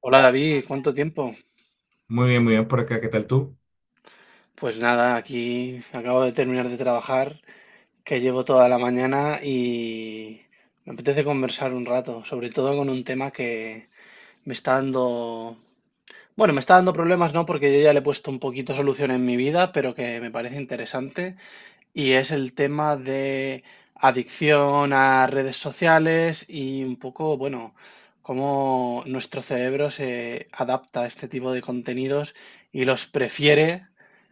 Hola David, ¿cuánto tiempo? Muy bien por acá. ¿Qué tal tú? Pues nada, aquí acabo de terminar de trabajar, que llevo toda la mañana y me apetece conversar un rato, sobre todo con un tema que me está dando, bueno, me está dando problemas, ¿no? Porque yo ya le he puesto un poquito solución en mi vida, pero que me parece interesante. Y es el tema de adicción a redes sociales y un poco, bueno, cómo nuestro cerebro se adapta a este tipo de contenidos y los prefiere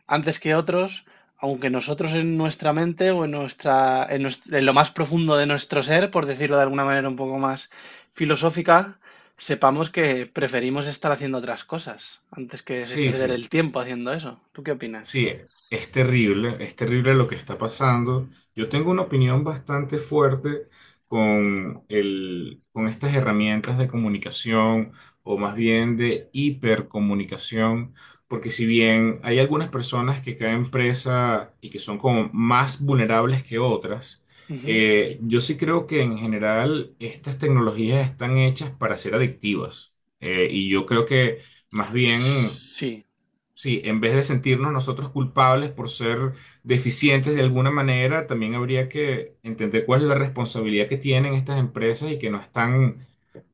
antes que otros, aunque nosotros en nuestra mente o en lo más profundo de nuestro ser, por decirlo de alguna manera un poco más filosófica, sepamos que preferimos estar haciendo otras cosas antes que Sí, perder sí. el tiempo haciendo eso. ¿Tú qué opinas? Sí, es terrible lo que está pasando. Yo tengo una opinión bastante fuerte con con estas herramientas de comunicación o más bien de hipercomunicación, porque si bien hay algunas personas que caen presa y que son como más vulnerables que otras, Ujú. Yo sí creo que en general estas tecnologías están hechas para ser adictivas. Y yo creo que más bien. Sí. Sí, en vez de sentirnos nosotros culpables por ser deficientes de alguna manera, también habría que entender cuál es la responsabilidad que tienen estas empresas y que no están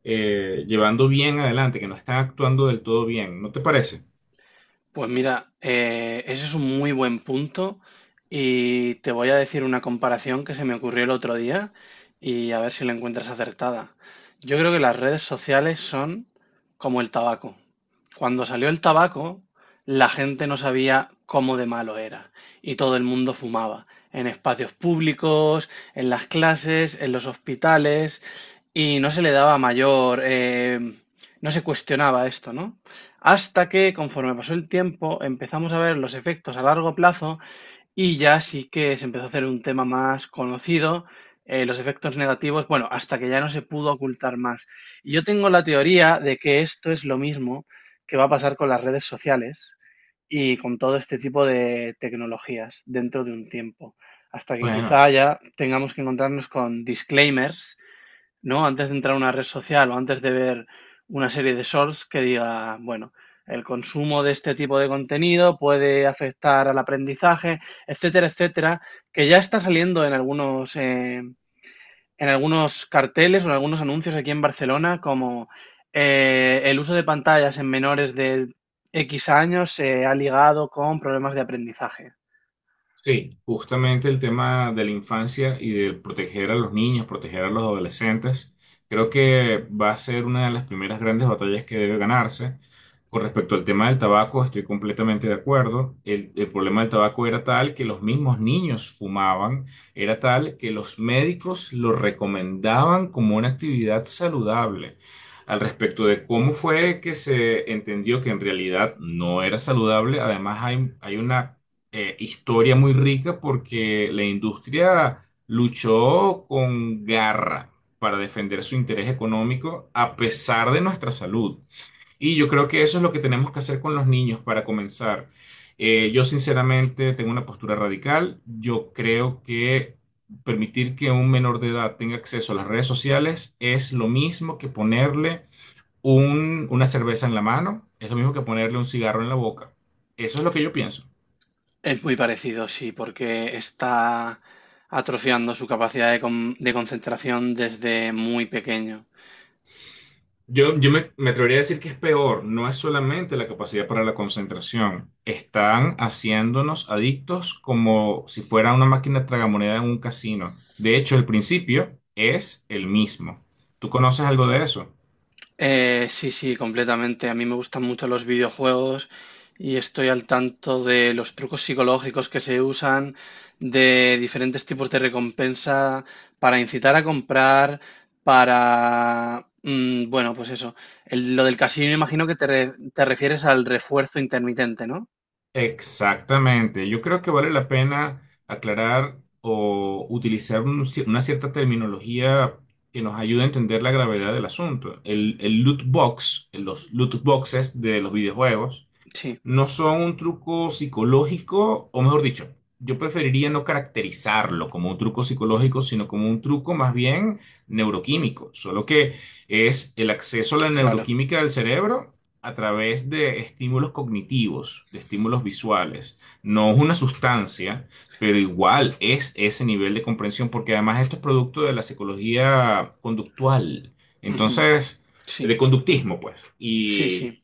llevando bien adelante, que no están actuando del todo bien. ¿No te parece? Pues mira, ese es un muy buen punto y te voy a decir una comparación que se me ocurrió el otro día y a ver si la encuentras acertada. Yo creo que las redes sociales son como el tabaco. Cuando salió el tabaco, la gente no sabía cómo de malo era y todo el mundo fumaba, en espacios públicos, en las clases, en los hospitales y no se le daba mayor, no se cuestionaba esto, ¿no? Hasta que, conforme pasó el tiempo, empezamos a ver los efectos a largo plazo y ya sí que se empezó a hacer un tema más conocido, los efectos negativos, bueno, hasta que ya no se pudo ocultar más. Y yo tengo la teoría de que esto es lo mismo que va a pasar con las redes sociales y con todo este tipo de tecnologías dentro de un tiempo, hasta que Bueno. quizá ya tengamos que encontrarnos con disclaimers, ¿no? Antes de entrar a una red social o antes de ver una serie de shorts que diga, bueno, el consumo de este tipo de contenido puede afectar al aprendizaje, etcétera, etcétera, que ya está saliendo en algunos, en algunos carteles o en algunos anuncios aquí en Barcelona, como el uso de pantallas en menores de X años se ha ligado con problemas de aprendizaje. Sí, justamente el tema de la infancia y de proteger a los niños, proteger a los adolescentes, creo que va a ser una de las primeras grandes batallas que debe ganarse. Con respecto al tema del tabaco, estoy completamente de acuerdo. El problema del tabaco era tal que los mismos niños fumaban, era tal que los médicos lo recomendaban como una actividad saludable. Al respecto de cómo fue que se entendió que en realidad no era saludable, además hay una historia muy rica porque la industria luchó con garra para defender su interés económico a pesar de nuestra salud. Y yo creo que eso es lo que tenemos que hacer con los niños para comenzar. Yo sinceramente tengo una postura radical. Yo creo que permitir que un menor de edad tenga acceso a las redes sociales es lo mismo que ponerle una cerveza en la mano, es lo mismo que ponerle un cigarro en la boca. Eso es lo que yo pienso. Es muy parecido, sí, porque está atrofiando su capacidad de concentración desde muy pequeño. Yo me atrevería a decir que es peor, no es solamente la capacidad para la concentración, están haciéndonos adictos como si fuera una máquina tragamoneda en un casino. De hecho, el principio es el mismo. ¿Tú conoces algo de eso? Sí, sí, completamente. A mí me gustan mucho los videojuegos y estoy al tanto de los trucos psicológicos que se usan, de diferentes tipos de recompensa para incitar a comprar, bueno, pues eso. Lo del casino, imagino que te refieres al refuerzo intermitente, ¿no? Exactamente, yo creo que vale la pena aclarar o utilizar una cierta terminología que nos ayude a entender la gravedad del asunto. El loot box, los loot boxes de los videojuegos Sí, no son un truco psicológico, o mejor dicho, yo preferiría no caracterizarlo como un truco psicológico, sino como un truco más bien neuroquímico, solo que es el acceso a la claro. neuroquímica del cerebro a través de estímulos cognitivos, de estímulos visuales. No es una sustancia, pero igual es ese nivel de comprensión, porque además esto es producto de la psicología conductual. Ujú, Entonces, sí. de conductismo, pues. Sí, sí, Y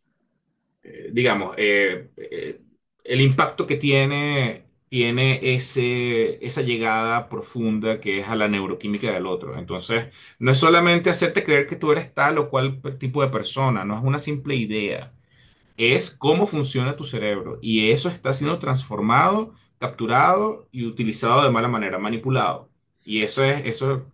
digamos, el impacto que tiene, tiene esa llegada profunda que es a la neuroquímica del otro. Entonces, no es solamente hacerte creer que tú eres tal o cual tipo de persona, no es una simple idea, es cómo funciona tu cerebro y eso está siendo transformado, capturado y utilizado de mala manera, manipulado. Y eso es, eso,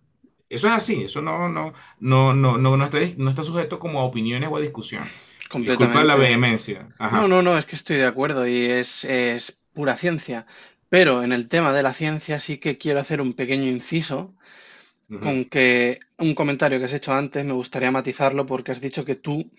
eso es así, eso no está, no está sujeto como a opiniones o a discusión. Y disculpa la completamente. vehemencia. No, Ajá. no, no, es que estoy de acuerdo y es pura ciencia. Pero en el tema de la ciencia sí que quiero hacer un pequeño inciso con Ujú. que un comentario que has hecho antes me gustaría matizarlo porque has dicho que tú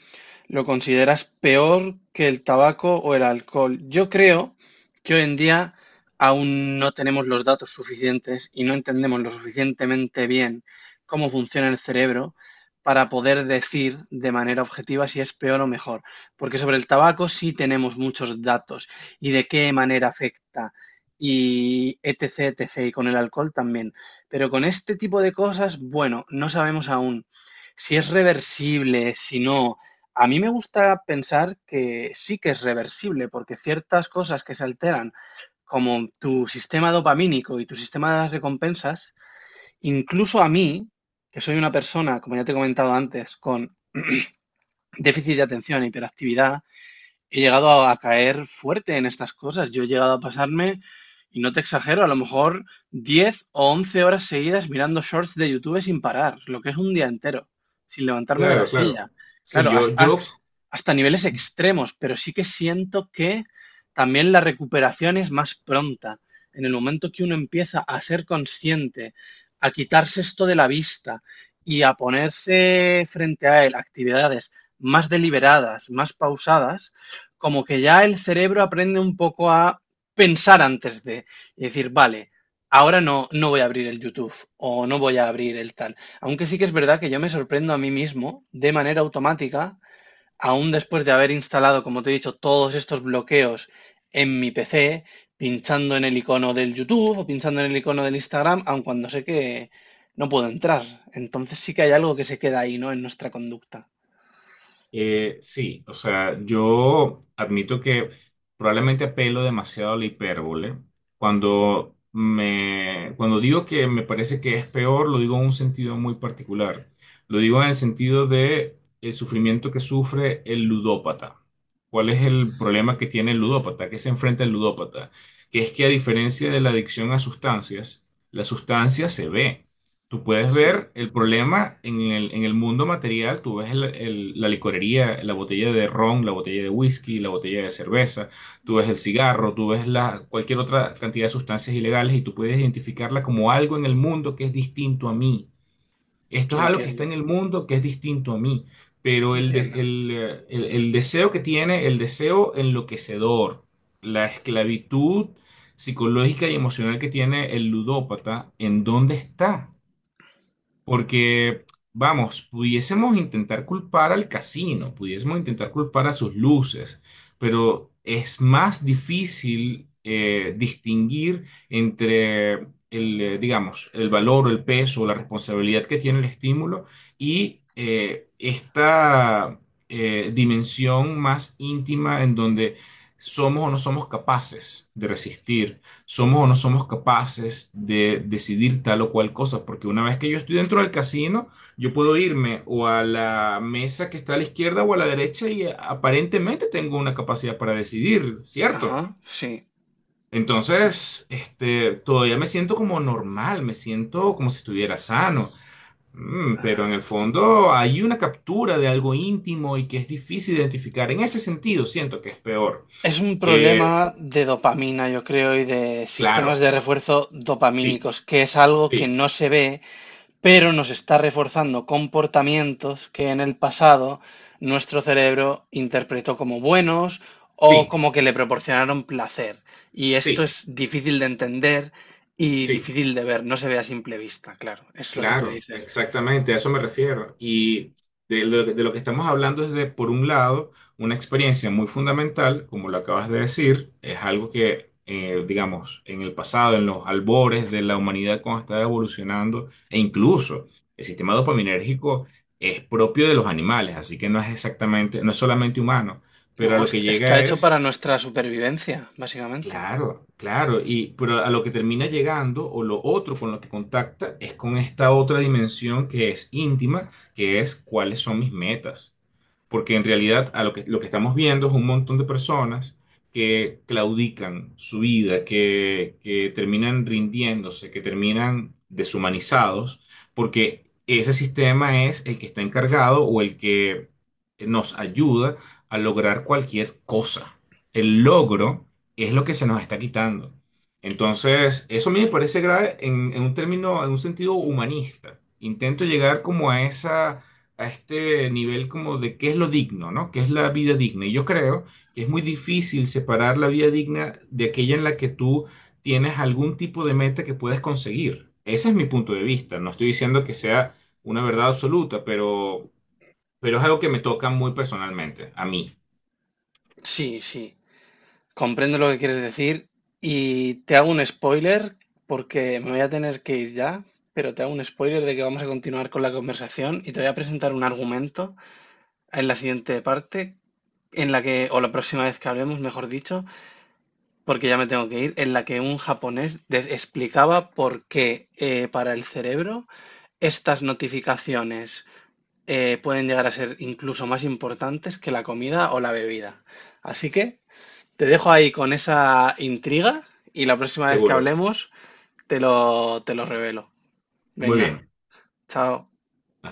lo consideras peor que el tabaco o el alcohol. Yo creo que hoy en día aún no tenemos los datos suficientes y no entendemos lo suficientemente bien cómo funciona el cerebro para poder decir de manera objetiva si es peor o mejor. Porque sobre el tabaco sí tenemos muchos datos y de qué manera afecta y etc, etc. Y con el alcohol también. Pero con este tipo de cosas, bueno, no sabemos aún si es reversible, si no, a mí me gusta pensar que sí que es reversible, porque ciertas cosas que se alteran, como tu sistema dopamínico y tu sistema de las recompensas, incluso a mí, que soy una persona, como ya te he comentado antes, con déficit de atención e hiperactividad, he llegado a caer fuerte en estas cosas. Yo he llegado a pasarme, y no te exagero, a lo mejor 10 u 11 horas seguidas mirando shorts de YouTube sin parar, lo que es un día entero, sin levantarme de la Claro, claro. silla. Sí, Claro, yo, yo hasta niveles extremos, pero sí que siento que también la recuperación es más pronta. En el momento que uno empieza a ser consciente, a quitarse esto de la vista y a ponerse frente a él actividades más deliberadas, más pausadas, como que ya el cerebro aprende un poco a pensar antes de y decir, vale, ahora no, no voy a abrir el YouTube o no voy a abrir el tal. Aunque sí que es verdad que yo me sorprendo a mí mismo de manera automática, aún después de haber instalado, como te he dicho, todos estos bloqueos en mi PC, pinchando en el icono del YouTube o pinchando en el icono del Instagram, aun cuando sé que no puedo entrar. Entonces sí que hay algo que se queda ahí, ¿no? En nuestra conducta. Sí, o sea, yo admito que probablemente apelo demasiado a la hipérbole. Cuando digo que me parece que es peor, lo digo en un sentido muy particular. Lo digo en el sentido de el sufrimiento que sufre el ludópata. ¿Cuál es el problema que tiene el ludópata? ¿Qué se enfrenta el ludópata? Que es que a diferencia de la adicción a sustancias, la sustancia se ve. Tú puedes Sí, ver el problema en en el mundo material, tú ves la licorería, la botella de ron, la botella de whisky, la botella de cerveza, tú ves el cigarro, tú ves la, cualquier otra cantidad de sustancias ilegales y tú puedes identificarla como algo en el mundo que es distinto a mí. Esto es algo que está entiendo, en el mundo que es distinto a mí, pero entiendo. El deseo que tiene, el deseo enloquecedor, la esclavitud psicológica y emocional que tiene el ludópata, ¿en dónde está? Porque, vamos, pudiésemos intentar culpar al casino, pudiésemos intentar culpar a sus luces, pero es más difícil distinguir entre digamos, el valor o el peso o la responsabilidad que tiene el estímulo y esta dimensión más íntima en donde somos o no somos capaces de resistir, somos o no somos capaces de decidir tal o cual cosa, porque una vez que yo estoy dentro del casino, yo puedo irme o a la mesa que está a la izquierda o a la derecha y aparentemente tengo una capacidad para decidir, ¿cierto? Ajá, sí. Entonces, este, todavía me siento como normal, me siento como si estuviera sano. Mm, pero en Ah, el fondo hay una captura de algo íntimo y que es difícil identificar. En ese sentido, siento que es peor. es un Eh, problema de dopamina, yo creo, y de sistemas claro, de refuerzo sí, dopamínicos, que es algo que sí, no se ve, pero nos está reforzando comportamientos que en el pasado nuestro cerebro interpretó como buenos o sí, como que le proporcionaron placer. Y esto sí. es difícil de entender y Sí, difícil de ver, no se ve a simple vista, claro, es lo que tú claro, dices. exactamente, a eso me refiero. Y de lo que estamos hablando es de, por un lado, una experiencia muy fundamental, como lo acabas de decir, es algo que, digamos, en el pasado, en los albores de la humanidad cuando estaba evolucionando, e incluso el sistema dopaminérgico es propio de los animales, así que no es exactamente, no es solamente humano, No, pero a lo que está llega hecho es. para nuestra supervivencia, básicamente. Claro, claro, y pero a lo que termina llegando o lo otro con lo que contacta es con esta otra dimensión que es íntima, que es cuáles son mis metas. Porque en realidad a lo que estamos viendo es un montón de personas que claudican su vida, que terminan rindiéndose, que terminan deshumanizados, porque ese sistema es el que está encargado o el que nos ayuda a lograr cualquier cosa. El logro, y es lo que se nos está quitando. Entonces, eso a mí me parece grave en un término, en un sentido humanista. Intento llegar como a esa, a este nivel como de qué es lo digno, ¿no? ¿Qué es la vida digna? Y yo creo que es muy difícil separar la vida digna de aquella en la que tú tienes algún tipo de meta que puedes conseguir. Ese es mi punto de vista. No estoy diciendo que sea una verdad absoluta, pero es algo que me toca muy personalmente, a mí, Sí, sí. Comprendo lo que quieres decir y te hago un spoiler porque me voy a tener que ir ya, pero te hago un spoiler de que vamos a continuar con la conversación y te voy a presentar un argumento en la siguiente parte, en la que, o la próxima vez que hablemos, mejor dicho, porque ya me tengo que ir, en la que un japonés explicaba por qué para el cerebro estas notificaciones pueden llegar a ser incluso más importantes que la comida o la bebida. Así que te dejo ahí con esa intriga y la próxima vez que seguro. hablemos te lo revelo. Muy Venga, bien. chao.